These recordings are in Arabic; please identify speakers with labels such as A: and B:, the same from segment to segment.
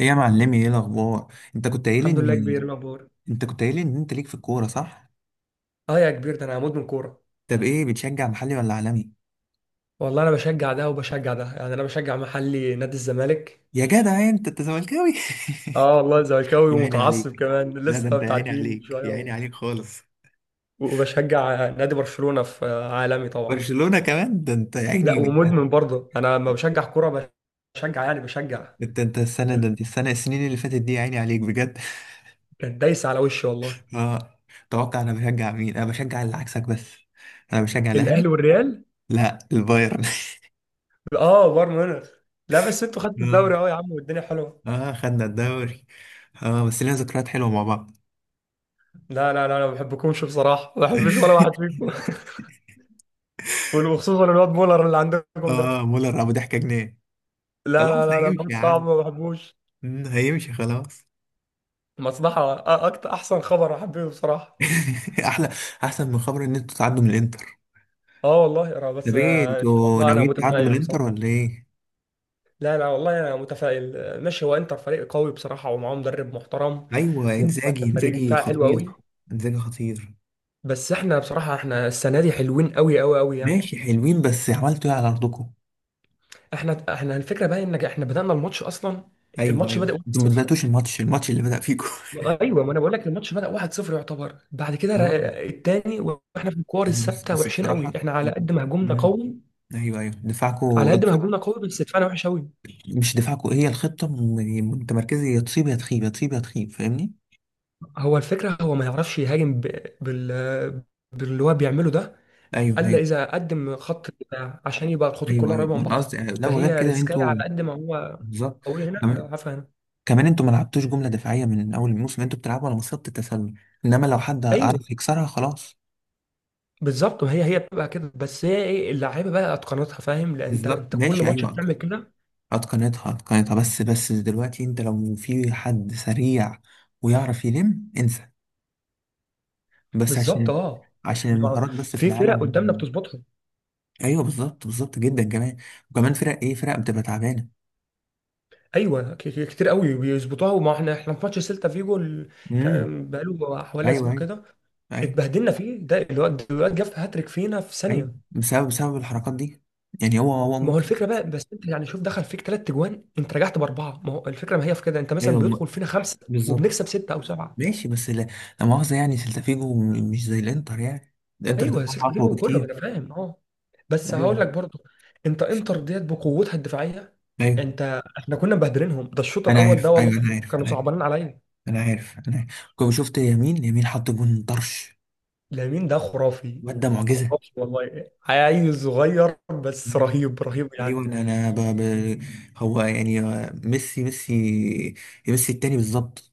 A: ايه يا معلمي ايه الاخبار انت كنت قايل
B: الحمد لله، كبير
A: ان
B: الاخبار.
A: انت كنت قايل ان انت ليك في الكوره، صح؟
B: اه يا كبير، ده انا هموت من كوره.
A: طب ايه بتشجع، محلي ولا عالمي؟
B: والله انا بشجع ده وبشجع ده، يعني انا بشجع محلي نادي الزمالك.
A: يا جدع، انت زملكاوي؟
B: اه والله زملكاوي
A: يا عيني عليك.
B: ومتعصب كمان،
A: لا، ده
B: لسه
A: انت يا عيني
B: متعادلين من
A: عليك،
B: شويه
A: يا عيني عليك خالص.
B: وبشجع نادي برشلونه في عالمي طبعا.
A: برشلونه كمان، ده انت يا
B: لا،
A: عيني.
B: ومدمن برضه انا لما بشجع كوره، بشجع يعني بشجع.
A: انت السنه ده، انت السنه السنين اللي فاتت دي، يا عيني عليك بجد.
B: كانت دايسه على وشي والله.
A: اه. توقع انا بشجع مين؟ انا بشجع اللي عكسك بس. انا بشجع الاهلي.
B: الاهلي والريال.
A: لا، البايرن.
B: اه بايرن ميونخ. لا بس انتوا خدتوا
A: اه،
B: الدوري اهو يا عم، والدنيا حلوه.
A: اه، خدنا الدوري. اه، بس لنا ذكريات حلوه مع بعض.
B: لا لا لا، انا ما بحبكمش بصراحه، ما بحبش ولا واحد فيكم. وخصوصا الواد مولر اللي عندكم ده.
A: اه، مولر ابو ضحكه جنيه.
B: لا
A: خلاص
B: لا لا لا،
A: هيمشي
B: ده
A: يا
B: صعب،
A: عم.
B: ما بحبوش.
A: هيمشي خلاص.
B: مصلحة أكتر، أحسن خبر أحبه بصراحة.
A: احلى. احسن من خبر ان انتوا تعدوا من الانتر.
B: أه والله، أنا
A: ده
B: بس،
A: بيه،
B: إن شاء
A: انتوا
B: الله أنا
A: ناويين تعدوا من
B: متفائل
A: الانتر
B: بصراحة.
A: ولا ايه؟
B: لا لا والله أنا متفائل، ماشي، هو إنتر فريق قوي بصراحة، ومعاه مدرب محترم.
A: ايوه، انزاجي
B: وفريق
A: انزاجي
B: دفاع حلو قوي.
A: خطير. انزاجي خطير.
B: بس إحنا بصراحة، إحنا السنة دي حلوين قوي قوي قوي يعني.
A: ماشي، حلوين، بس عملتوا ايه على ارضكم؟
B: إحنا الفكرة بقى إن إحنا بدأنا الماتش أصلا.
A: ايوه
B: الماتش
A: ايوه،
B: بدأ
A: انتوا ما
B: 1-0.
A: بداتوش الماتش اللي بدأ فيكم.
B: ايوه ما انا بقول لك الماتش بدأ 1-0، يعتبر بعد كده
A: اه.
B: التاني، واحنا في الكور
A: بس
B: الثابته
A: بس
B: وحشين قوي.
A: بصراحه.
B: احنا على قد ما هجومنا
A: مم.
B: قوي،
A: ايوه ايوه، دفاعكم.
B: على قد ما هجومنا قوي بس دفاعنا وحش قوي.
A: مش دفاعكم هي الخطه؟ يعني متمركزه، يا تصيب يا تخيب، يا تصيب يا تخيب، فاهمني؟
B: هو الفكره، هو ما يعرفش يهاجم بال باللي هو بيعمله ده.
A: ايوه
B: الا
A: ايوه.
B: اذا قدم خط دفاع عشان يبقى الخطوط
A: ايوه
B: كلها
A: ايوه،
B: قريبه من
A: أنا
B: بعضها.
A: قصدي. لا، وغير
B: فهي
A: كده
B: ريسكايه
A: انتوا.
B: على قد ما هو
A: بالظبط.
B: قوي. هنا لا،
A: كمان
B: عارفه. هنا
A: كمان انتوا ما لعبتوش جمله دفاعيه من اول الموسم، انتوا بتلعبوا على مصيده التسلل. انما لو حد
B: ايوه.
A: عرف يكسرها خلاص.
B: بالظبط، ما هي بتبقى كده. بس هي ايه، اللعيبه بقى اتقنتها، فاهم، لان انت
A: بالظبط.
B: انت كل
A: ماشي،
B: ماتش
A: ايوه.
B: بتعمل كده.
A: اتقنتها اتقنتها، بس دلوقتي انت لو في حد سريع ويعرف يلم، انسى. بس
B: بالظبط
A: عشان
B: اه،
A: عشان
B: يعني
A: المهارات بس في
B: في فرق
A: العالم.
B: قدامنا بتظبطها.
A: ايوه، بالظبط، بالظبط جدا. كمان وكمان فرق بتبقى تعبانه.
B: ايوه، كتير قوي بيظبطوها، وما احنا في ماتش سيلتا فيجو
A: امم.
B: كان بقاله حوالي
A: ايوه
B: اسبوع
A: ايوه.
B: كده.
A: ايوه
B: اتبهدلنا فيه، ده الواد جاب هاتريك فينا في
A: ايوه،
B: ثانيه.
A: بسبب الحركات دي. يعني هو
B: ما هو
A: ممكن.
B: الفكره بقى، بس انت يعني شوف، دخل فيك 3 اجوان، انت رجعت باربعه، ما هو الفكره، ما هي في كده، انت مثلا
A: ايوه.
B: بيدخل فينا خمسه
A: بالظبط.
B: وبنكسب سته او سبعه.
A: ماشي، بس لا. لا مؤاخذة، يعني سلتافيجو مش زي الانتر يعني. الانتر
B: ايوه
A: دفاعها
B: سته،
A: اقوى
B: جيبوا كله، ما
A: بكتير.
B: انا فاهم اه. بس
A: ايوه.
B: هقول لك برضو، انت انتر ديت بقوتها الدفاعيه،
A: ايوه،
B: انت احنا كنا مبهدلينهم ده الشوط
A: انا
B: الاول
A: عارف.
B: ده
A: ايوه،
B: والله.
A: انا عارف،
B: كانوا
A: انا عارف.
B: صعبانين عليا.
A: انا عارف، انا عارف كنت شفت يمين يمين، حط جون طرش.
B: لامين ده خرافي،
A: الواد ده معجزة.
B: خرافي والله، عيل صغير بس
A: مم.
B: رهيب رهيب
A: ايوه.
B: يعني.
A: انا أنا ب... ب... هو يعني، ميسي ميسي ميسي التاني، بالظبط.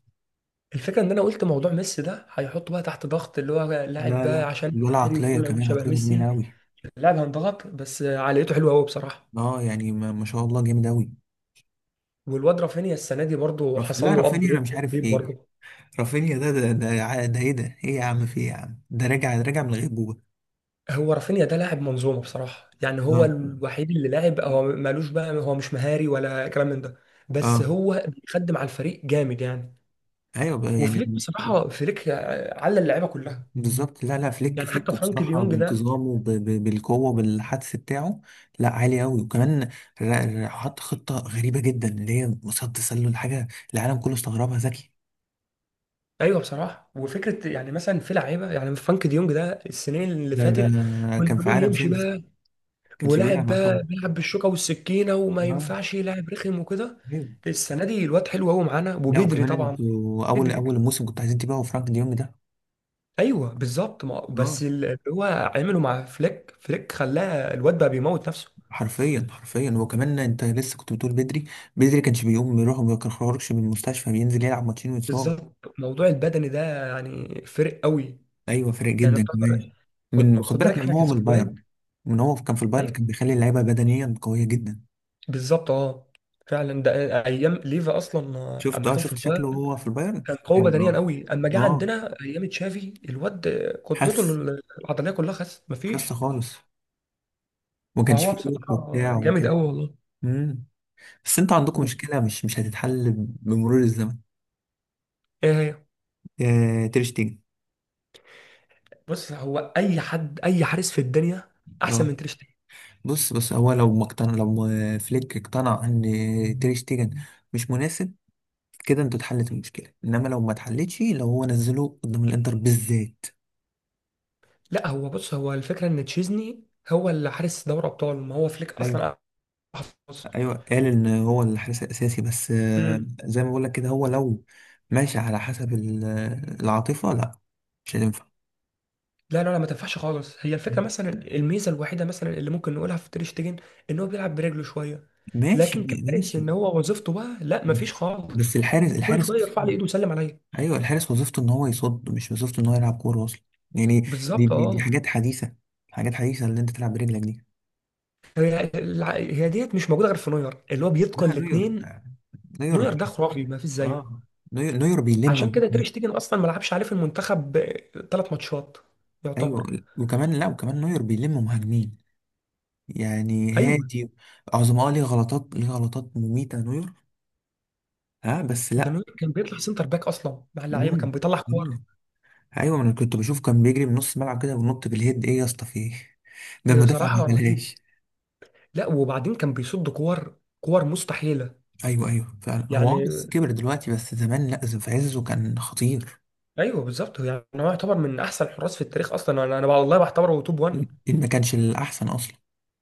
B: الفكره ان انا قلت موضوع ميسي ده، هيحطه بقى تحت ضغط، اللي هو لاعب
A: لا
B: بقى
A: لا،
B: عشان
A: ولا
B: مهاري
A: عقلية
B: وكله
A: كمان،
B: شبه
A: عقليته جميلة
B: ميسي.
A: قوي.
B: اللاعب هينضغط، بس عقليته حلوه قوي بصراحه.
A: اه يعني ما شاء الله، جامد قوي.
B: والواد رافينيا السنه دي برضه حصل
A: لا،
B: له اب
A: رافينيا، انا
B: ريت
A: مش عارف ايه.
B: برضه.
A: رافينيا ده، ايه ده؟ ايه يا عم، في ايه يا عم؟ ده راجع راجع من الغيبوبة.
B: هو رافينيا ده لاعب منظومه بصراحه، يعني هو
A: اه،
B: الوحيد اللي لاعب، هو مالوش بقى، هو مش مهاري ولا كلام من ده، بس
A: اه.
B: هو بيخدم على الفريق جامد يعني.
A: ايوه بقى
B: وفليك
A: يعني.
B: بصراحه، فليك على اللعيبه كلها.
A: بالظبط. لا لا، فليك،
B: يعني حتى
A: فليك
B: فرانك دي
A: بصراحة
B: يونج ده،
A: بانتظامه، بالقوة، بالحدس بتاعه. لا، عالي قوي. وكمان حط خطة غريبة جدا، اللي هي مصاد تسلل حاجة. العالم كله استغربها. ذكي.
B: ايوه بصراحه وفكره. يعني مثلا في لعيبه يعني فرانك ديونج ده، السنين اللي
A: ده
B: فاتت
A: ده
B: كنا
A: كان في
B: بنقول
A: عالم
B: يمشي
A: سيمس، ما
B: بقى.
A: كانش
B: ولاعب
A: بيلعب طبعا.
B: بقى بيلعب بالشوكه والسكينه، وما
A: اه.
B: ينفعش يلعب رخم وكده.
A: ايوه.
B: السنه دي الواد حلو قوي معانا،
A: لا،
B: وبدري
A: وكمان
B: طبعا،
A: انتوا اول
B: بدري.
A: اول الموسم كنتوا عايزين تبيعوا فرانك ديونج ده.
B: ايوه بالظبط، ما
A: اه،
B: بس اللي هو عمله مع فليك، فليك خلاه الواد بقى بيموت نفسه.
A: حرفيا حرفيا. وكمان انت لسه كنت بتقول بدري. بدري كانش بيقوم يروح، ما بيخرجش من المستشفى، بينزل يلعب ماتشين ويتصاب.
B: بالظبط، موضوع البدني ده يعني فرق قوي
A: ايوه، فرق
B: يعني.
A: جدا كمان.
B: خد
A: من خد
B: خد بالك
A: بالك من
B: احنا
A: هو من
B: كسكواد.
A: البايرن. من هو كان في البايرن
B: أيوة
A: كان بيخلي اللعيبه بدنيا قويه جدا.
B: بالظبط اه، فعلا ده ايام ليفا اصلا،
A: شفت
B: اما
A: اه
B: كان في
A: شفت
B: البايرن
A: شكله وهو في البايرن.
B: كان قوي
A: كان.
B: بدنيا
A: اه
B: قوي، اما جه
A: اه
B: عندنا ايام تشافي، الواد كتلته
A: خس.
B: العضليه كلها خس،
A: خس
B: مفيش.
A: خالص. وما كانش
B: فهو
A: فيه روح
B: بصراحه
A: وبتاع
B: جامد
A: وكده.
B: قوي والله.
A: امم. بس انتوا عندكم مشكله، مش هتتحل بمرور الزمن.
B: ايه هي؟
A: آه، تير شتيجن.
B: بص، هو اي حد، اي حارس في الدنيا احسن من تير شتيجن.
A: بص، بس هو لو ما اقتنع، لو فليك اقتنع ان تير شتيجن مش مناسب، كده انت اتحلت المشكله. انما لو ما اتحلتش، لو هو نزله قدام الانتر بالذات.
B: لا، هو بص، هو الفكره ان تشيزني هو اللي حارس دوري ابطال، ما هو فليك
A: ايوه
B: اصلا أحسن
A: ايوه، قال ان هو الحارس الاساسي بس.
B: حارس.
A: زي ما بقول لك كده، هو لو ماشي على حسب العاطفه، لا، مش هتنفع.
B: لا لا لا، ما تنفعش خالص. هي الفكره مثلا، الميزه الوحيده مثلا اللي ممكن نقولها في تير شتيجن ان هو بيلعب برجله شويه.
A: ماشي
B: لكن كفارس،
A: ماشي،
B: ان هو وظيفته بقى لا، ما فيش
A: بس
B: خالص.
A: الحارس
B: كل
A: الحارس
B: شويه يرفع لي
A: اصلا.
B: ايده ويسلم عليا.
A: ايوه، الحارس وظيفته ان هو يصد، مش وظيفته ان هو يلعب كوره اصلا. يعني دي
B: بالظبط
A: دي, دي
B: اه.
A: حاجات حديثه. حاجات حديثه اللي انت تلعب برجلك دي.
B: هي ديت مش موجوده غير في نوير اللي هو بيتقن
A: لا، نوير.
B: الاثنين. نوير
A: نوير،
B: ده خرافي، ما فيش زيه.
A: اه نوير، نوير
B: عشان
A: بيلم.
B: كده تير شتيجن اصلا ما لعبش عليه في المنتخب 3 ماتشات
A: ايوه.
B: يعتبر.
A: وكمان، لا وكمان نوير بيلم مهاجمين يعني
B: ايوه،
A: هادي. عظماء. اه ليه غلطات مميتة نوير. ها، بس
B: ده
A: لا.
B: نوير كان بيطلع سنتر باك اصلا، مع اللعيبه كان
A: مم.
B: بيطلع كور.
A: مم. ايوه، ما انا كنت بشوف كان بيجري من نص الملعب كده وينط بالهيد. ايه يا اسطى، في ايه؟ ده المدافع ما
B: بصراحه رهيب.
A: بيعملهاش.
B: لا وبعدين كان بيصد كور، كور مستحيله
A: ايوه ايوه، فعلا هو.
B: يعني.
A: بس كبر دلوقتي. بس زمان، لا، في عزه كان خطير.
B: ايوه بالظبط، يعني هو يعتبر من احسن الحراس في التاريخ اصلا، انا والله بعتبره توب 1.
A: إن ما كانش الاحسن اصلا.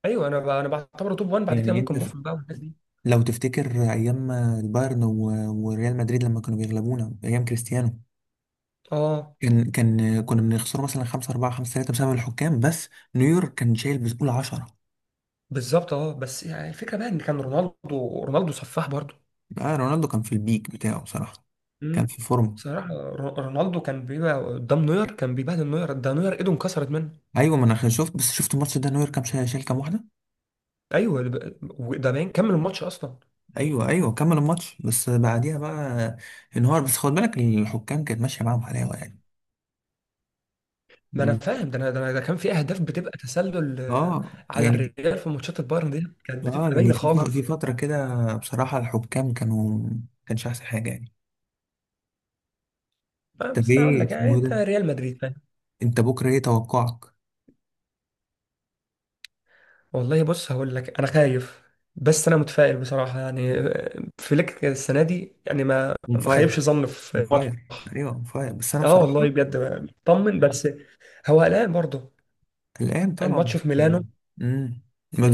B: ايوه انا بعتبره توب 1 بعد كده
A: يعني انت
B: ممكن بوفون بقى والناس دي.
A: لو تفتكر ايام البايرن وريال مدريد لما كانوا بيغلبونا ايام كريستيانو،
B: اه
A: كان كنا بنخسروا مثلا 5-4 5-3 بسبب الحكام بس. نيويورك كان شايل بسهوله 10.
B: بالظبط اه، بس يعني الفكره بقى ان كان رونالدو، رونالدو سفاح برضه.
A: آه، رونالدو كان في البيك بتاعه بصراحه، كان
B: امم
A: في فورمه.
B: بصراحه رونالدو كان بيبقى قدام نوير، كان بيبهدل نوير، ده نوير ايده انكسرت منه.
A: ايوه، ما انا شفت، بس شفت الماتش ده، نيويورك كان شايل، شايل كام واحده.
B: ايوه، ده باين كمل الماتش اصلا.
A: ايوه ايوه، كمل الماتش، بس بعديها بقى انهار. بس خد بالك الحكام كانت ماشيه معاهم حلاوه يعني.
B: ما انا فاهم ده، أنا ده كان في اهداف بتبقى تسلل.
A: اه
B: على
A: يعني،
B: الريال في ماتشات البايرن دي، كانت
A: اه
B: بتبقى
A: يعني
B: باينه
A: في في
B: خالص.
A: فترة كده بصراحة الحكام كانوا، كانش أحسن حاجة يعني. طب
B: بس انا اقول
A: ايه
B: لك، يعني
A: اسمه، إيه
B: انت
A: ده؟
B: ريال مدريد فاهم.
A: انت بكرة، ايه توقعك؟
B: والله بص هقول لك، انا خايف. بس انا متفائل بصراحه، يعني فليك السنه دي يعني ما
A: اون
B: ما
A: فاير.
B: خيبش ظن
A: اون
B: في ماتش.
A: فاير، ايوه، اون فاير، بس انا
B: اه
A: بصراحة.
B: والله بجد، طمن بس هو قلقان برضه.
A: الآن طبعا.
B: الماتش في ميلانو.
A: امم،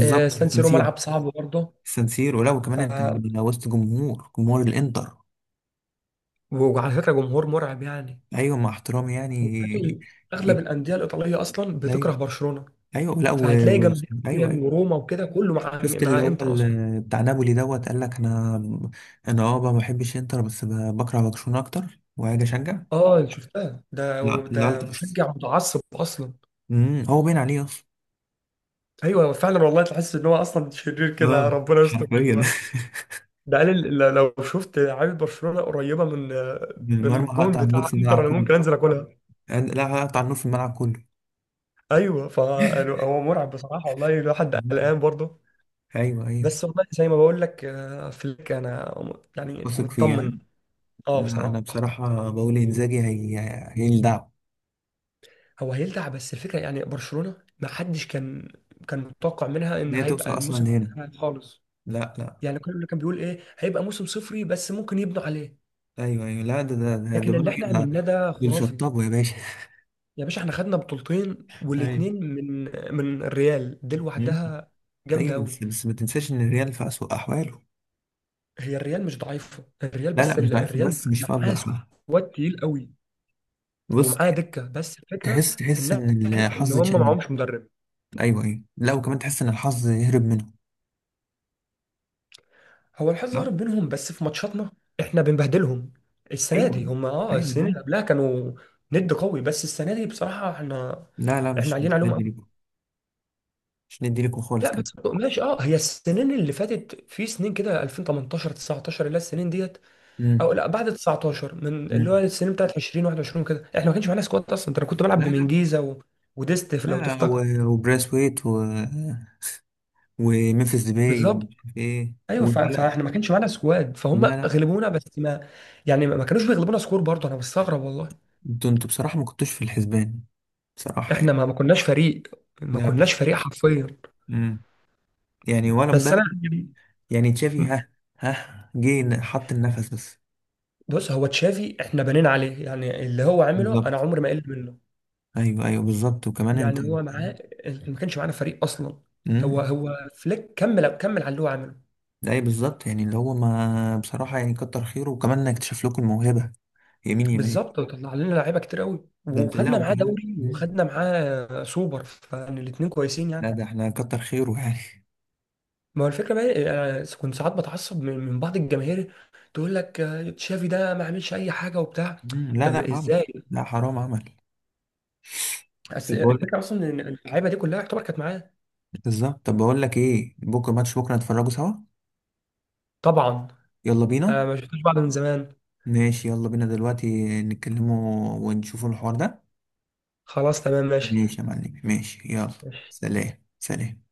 B: سان سيرو
A: السنسيرو
B: ملعب صعب برضه.
A: السنسيرو ولو
B: ف
A: كمان انت، لو وسط جمهور الانتر.
B: وعلى فكره، جمهور مرعب يعني.
A: ايوه، مع احترامي يعني.
B: وبالتالي اغلب الانديه الايطاليه اصلا
A: ايوه
B: بتكره برشلونه،
A: ايوه، لا
B: فهتلاقي جنب
A: ايوه
B: ميلان
A: ايوه.
B: وروما وكده كله مع
A: شفت اللي
B: مع
A: هو
B: انتر اصلا.
A: بتاع نابولي دوت، قال لك انا. ما بحبش انتر، بس بكره برشلونة اكتر، وهاجي اشجع.
B: اه شفتها، ده
A: لا لا،
B: ده
A: بس.
B: مشجع متعصب اصلا.
A: هو باين عليه اصلا.
B: ايوه فعلا والله، تحس ان هو اصلا شرير كده،
A: اه،
B: ربنا يستر
A: حرفيا.
B: منه بقى. ده قال لو شفت عامل برشلونه قريبه من،
A: من
B: من
A: المرمى
B: الجون
A: هقطع النور
B: بتاع
A: في
B: انتر،
A: الملعب
B: انا
A: كله.
B: ممكن انزل اكلها.
A: لا، هقطع النور في الملعب كله.
B: ايوه فهو مرعب بصراحه والله، الواحد
A: مم.
B: قلقان برضه.
A: ايوه ايوه.
B: بس والله زي ما بقول لك، فليك انا يعني
A: واثق فيها.
B: مطمن. اه
A: لا، انا
B: بصراحه.
A: بصراحة بقول انزاجي، هي هي الدعم.
B: هو هيلدع، بس الفكرة يعني برشلونة ما حدش كان متوقع منها
A: ان
B: ان
A: هي توصل
B: هيبقى
A: اصلا
B: الموسم
A: لهنا.
B: بتاعها خالص.
A: لا لا.
B: يعني كل اللي كان بيقول ايه، هيبقى موسم صفري بس ممكن يبنوا عليه.
A: ايوه ايوه، لا ده
B: لكن اللي
A: بيقولوا إيه،
B: احنا
A: ده
B: عملناه ده خرافي.
A: بالشطابة يا باشا.
B: يا باشا، احنا خدنا بطولتين، والاتنين من الريال دي
A: ايوه
B: لوحدها، جامدة
A: ايوه،
B: قوي.
A: بس ما تنساش ان الريال في اسوأ احواله.
B: هي الريال مش ضعيفة، الريال
A: لا
B: بس
A: لا، مش ضعيفه،
B: الريال
A: بس مش في
B: معاه
A: افضل حالها.
B: سكواد تقيل قوي،
A: بص،
B: ومعاه دكة، بس الفكرة
A: تحس
B: ان
A: ان
B: احنا، ان
A: الحظ
B: هم
A: اتشال منه.
B: معهمش مدرب.
A: ايوه ايوه، لا وكمان تحس ان الحظ هرب منه.
B: هو الحظ
A: لا.
B: هرب بينهم بس، في ماتشاتنا احنا بنبهدلهم. السنه
A: ايوه
B: دي
A: ايوه،
B: هم
A: ايوه أنا
B: السنين
A: عارف.
B: اللي قبلها كانوا ند قوي، بس السنه دي بصراحه احنا،
A: لا لا،
B: احنا
A: مش
B: عاليين
A: مش
B: عليهم
A: ندي
B: قوي.
A: لكم. مش ندي لكم خالص
B: لا بس
A: كمان.
B: ماشي اه، هي السنين اللي فاتت في سنين كده، 2018 19 اللي هي السنين ديت.
A: امم.
B: او لا، بعد 19 من اللي هو
A: أمم.
B: السنين بتاعت 20 21 كده، احنا ما كانش معانا سكواد اصلا. ده انا كنت بلعب
A: لا لا.
B: بمنجيزه وديست لو
A: لا
B: تفتكر.
A: وبراسويت وممفيس ديباي
B: بالظبط.
A: ومش عارف ايه
B: ايوه
A: لا.
B: فاحنا ما كانش معانا سكواد، فهم
A: لا لا،
B: غلبونا، بس ما، يعني ما كانوش بيغلبونا سكور برضه، انا مستغرب والله.
A: انتوا انتوا بصراحه ما كنتوش في الحسبان بصراحه
B: احنا
A: يعني.
B: ما كناش فريق، ما
A: لا.
B: كناش فريق حرفيا.
A: امم. يعني ولا
B: بس
A: مدرب.
B: انا يعني
A: يعني تشافي. ها. ها، جه حط النفس بس.
B: بص، هو تشافي احنا بنينا عليه، يعني اللي هو عمله
A: بالظبط.
B: انا عمري ما قلت منه.
A: ايوه ايوه بالظبط. وكمان انت.
B: يعني هو معاه، ما كانش معانا فريق اصلا. هو
A: امم.
B: هو فليك كمل على اللي هو عمله.
A: اي بالظبط. يعني اللي هو ما بصراحه يعني، كتر خيره. وكمان انك اكتشف لكم الموهبه. يمين يمين.
B: بالظبط، وطلع لنا لعيبه كتير قوي،
A: ده انت. لا،
B: وخدنا معاه
A: وكمان.
B: دوري
A: مم.
B: وخدنا معاه سوبر، فيعني الاثنين كويسين
A: لا،
B: يعني.
A: ده احنا كتر خيره يعني.
B: ما هو الفكره بقى إيه، انا كنت ساعات بتعصب من بعض الجماهير تقول لك، تشافي ده ما عملش اي حاجه وبتاع.
A: مم. لا
B: طب
A: لا، عمل.
B: ازاي؟
A: لا حرام، عمل.
B: بس
A: طب بقول لك.
B: الفكره اصلا ان اللعيبه دي كلها يعتبر كانت معاه.
A: بالظبط، طب بقول لك ايه: بكره ماتش، بكره نتفرجوا سوا.
B: طبعا،
A: يلا بينا.
B: آه ما شفتوش بعض من زمان.
A: ماشي، يلا بينا دلوقتي نتكلموا ونشوفوا الحوار ده.
B: خلاص تمام ماشي.
A: ماشي يا معلم، ماشي، يلا.
B: ماشي
A: سلام. سلام.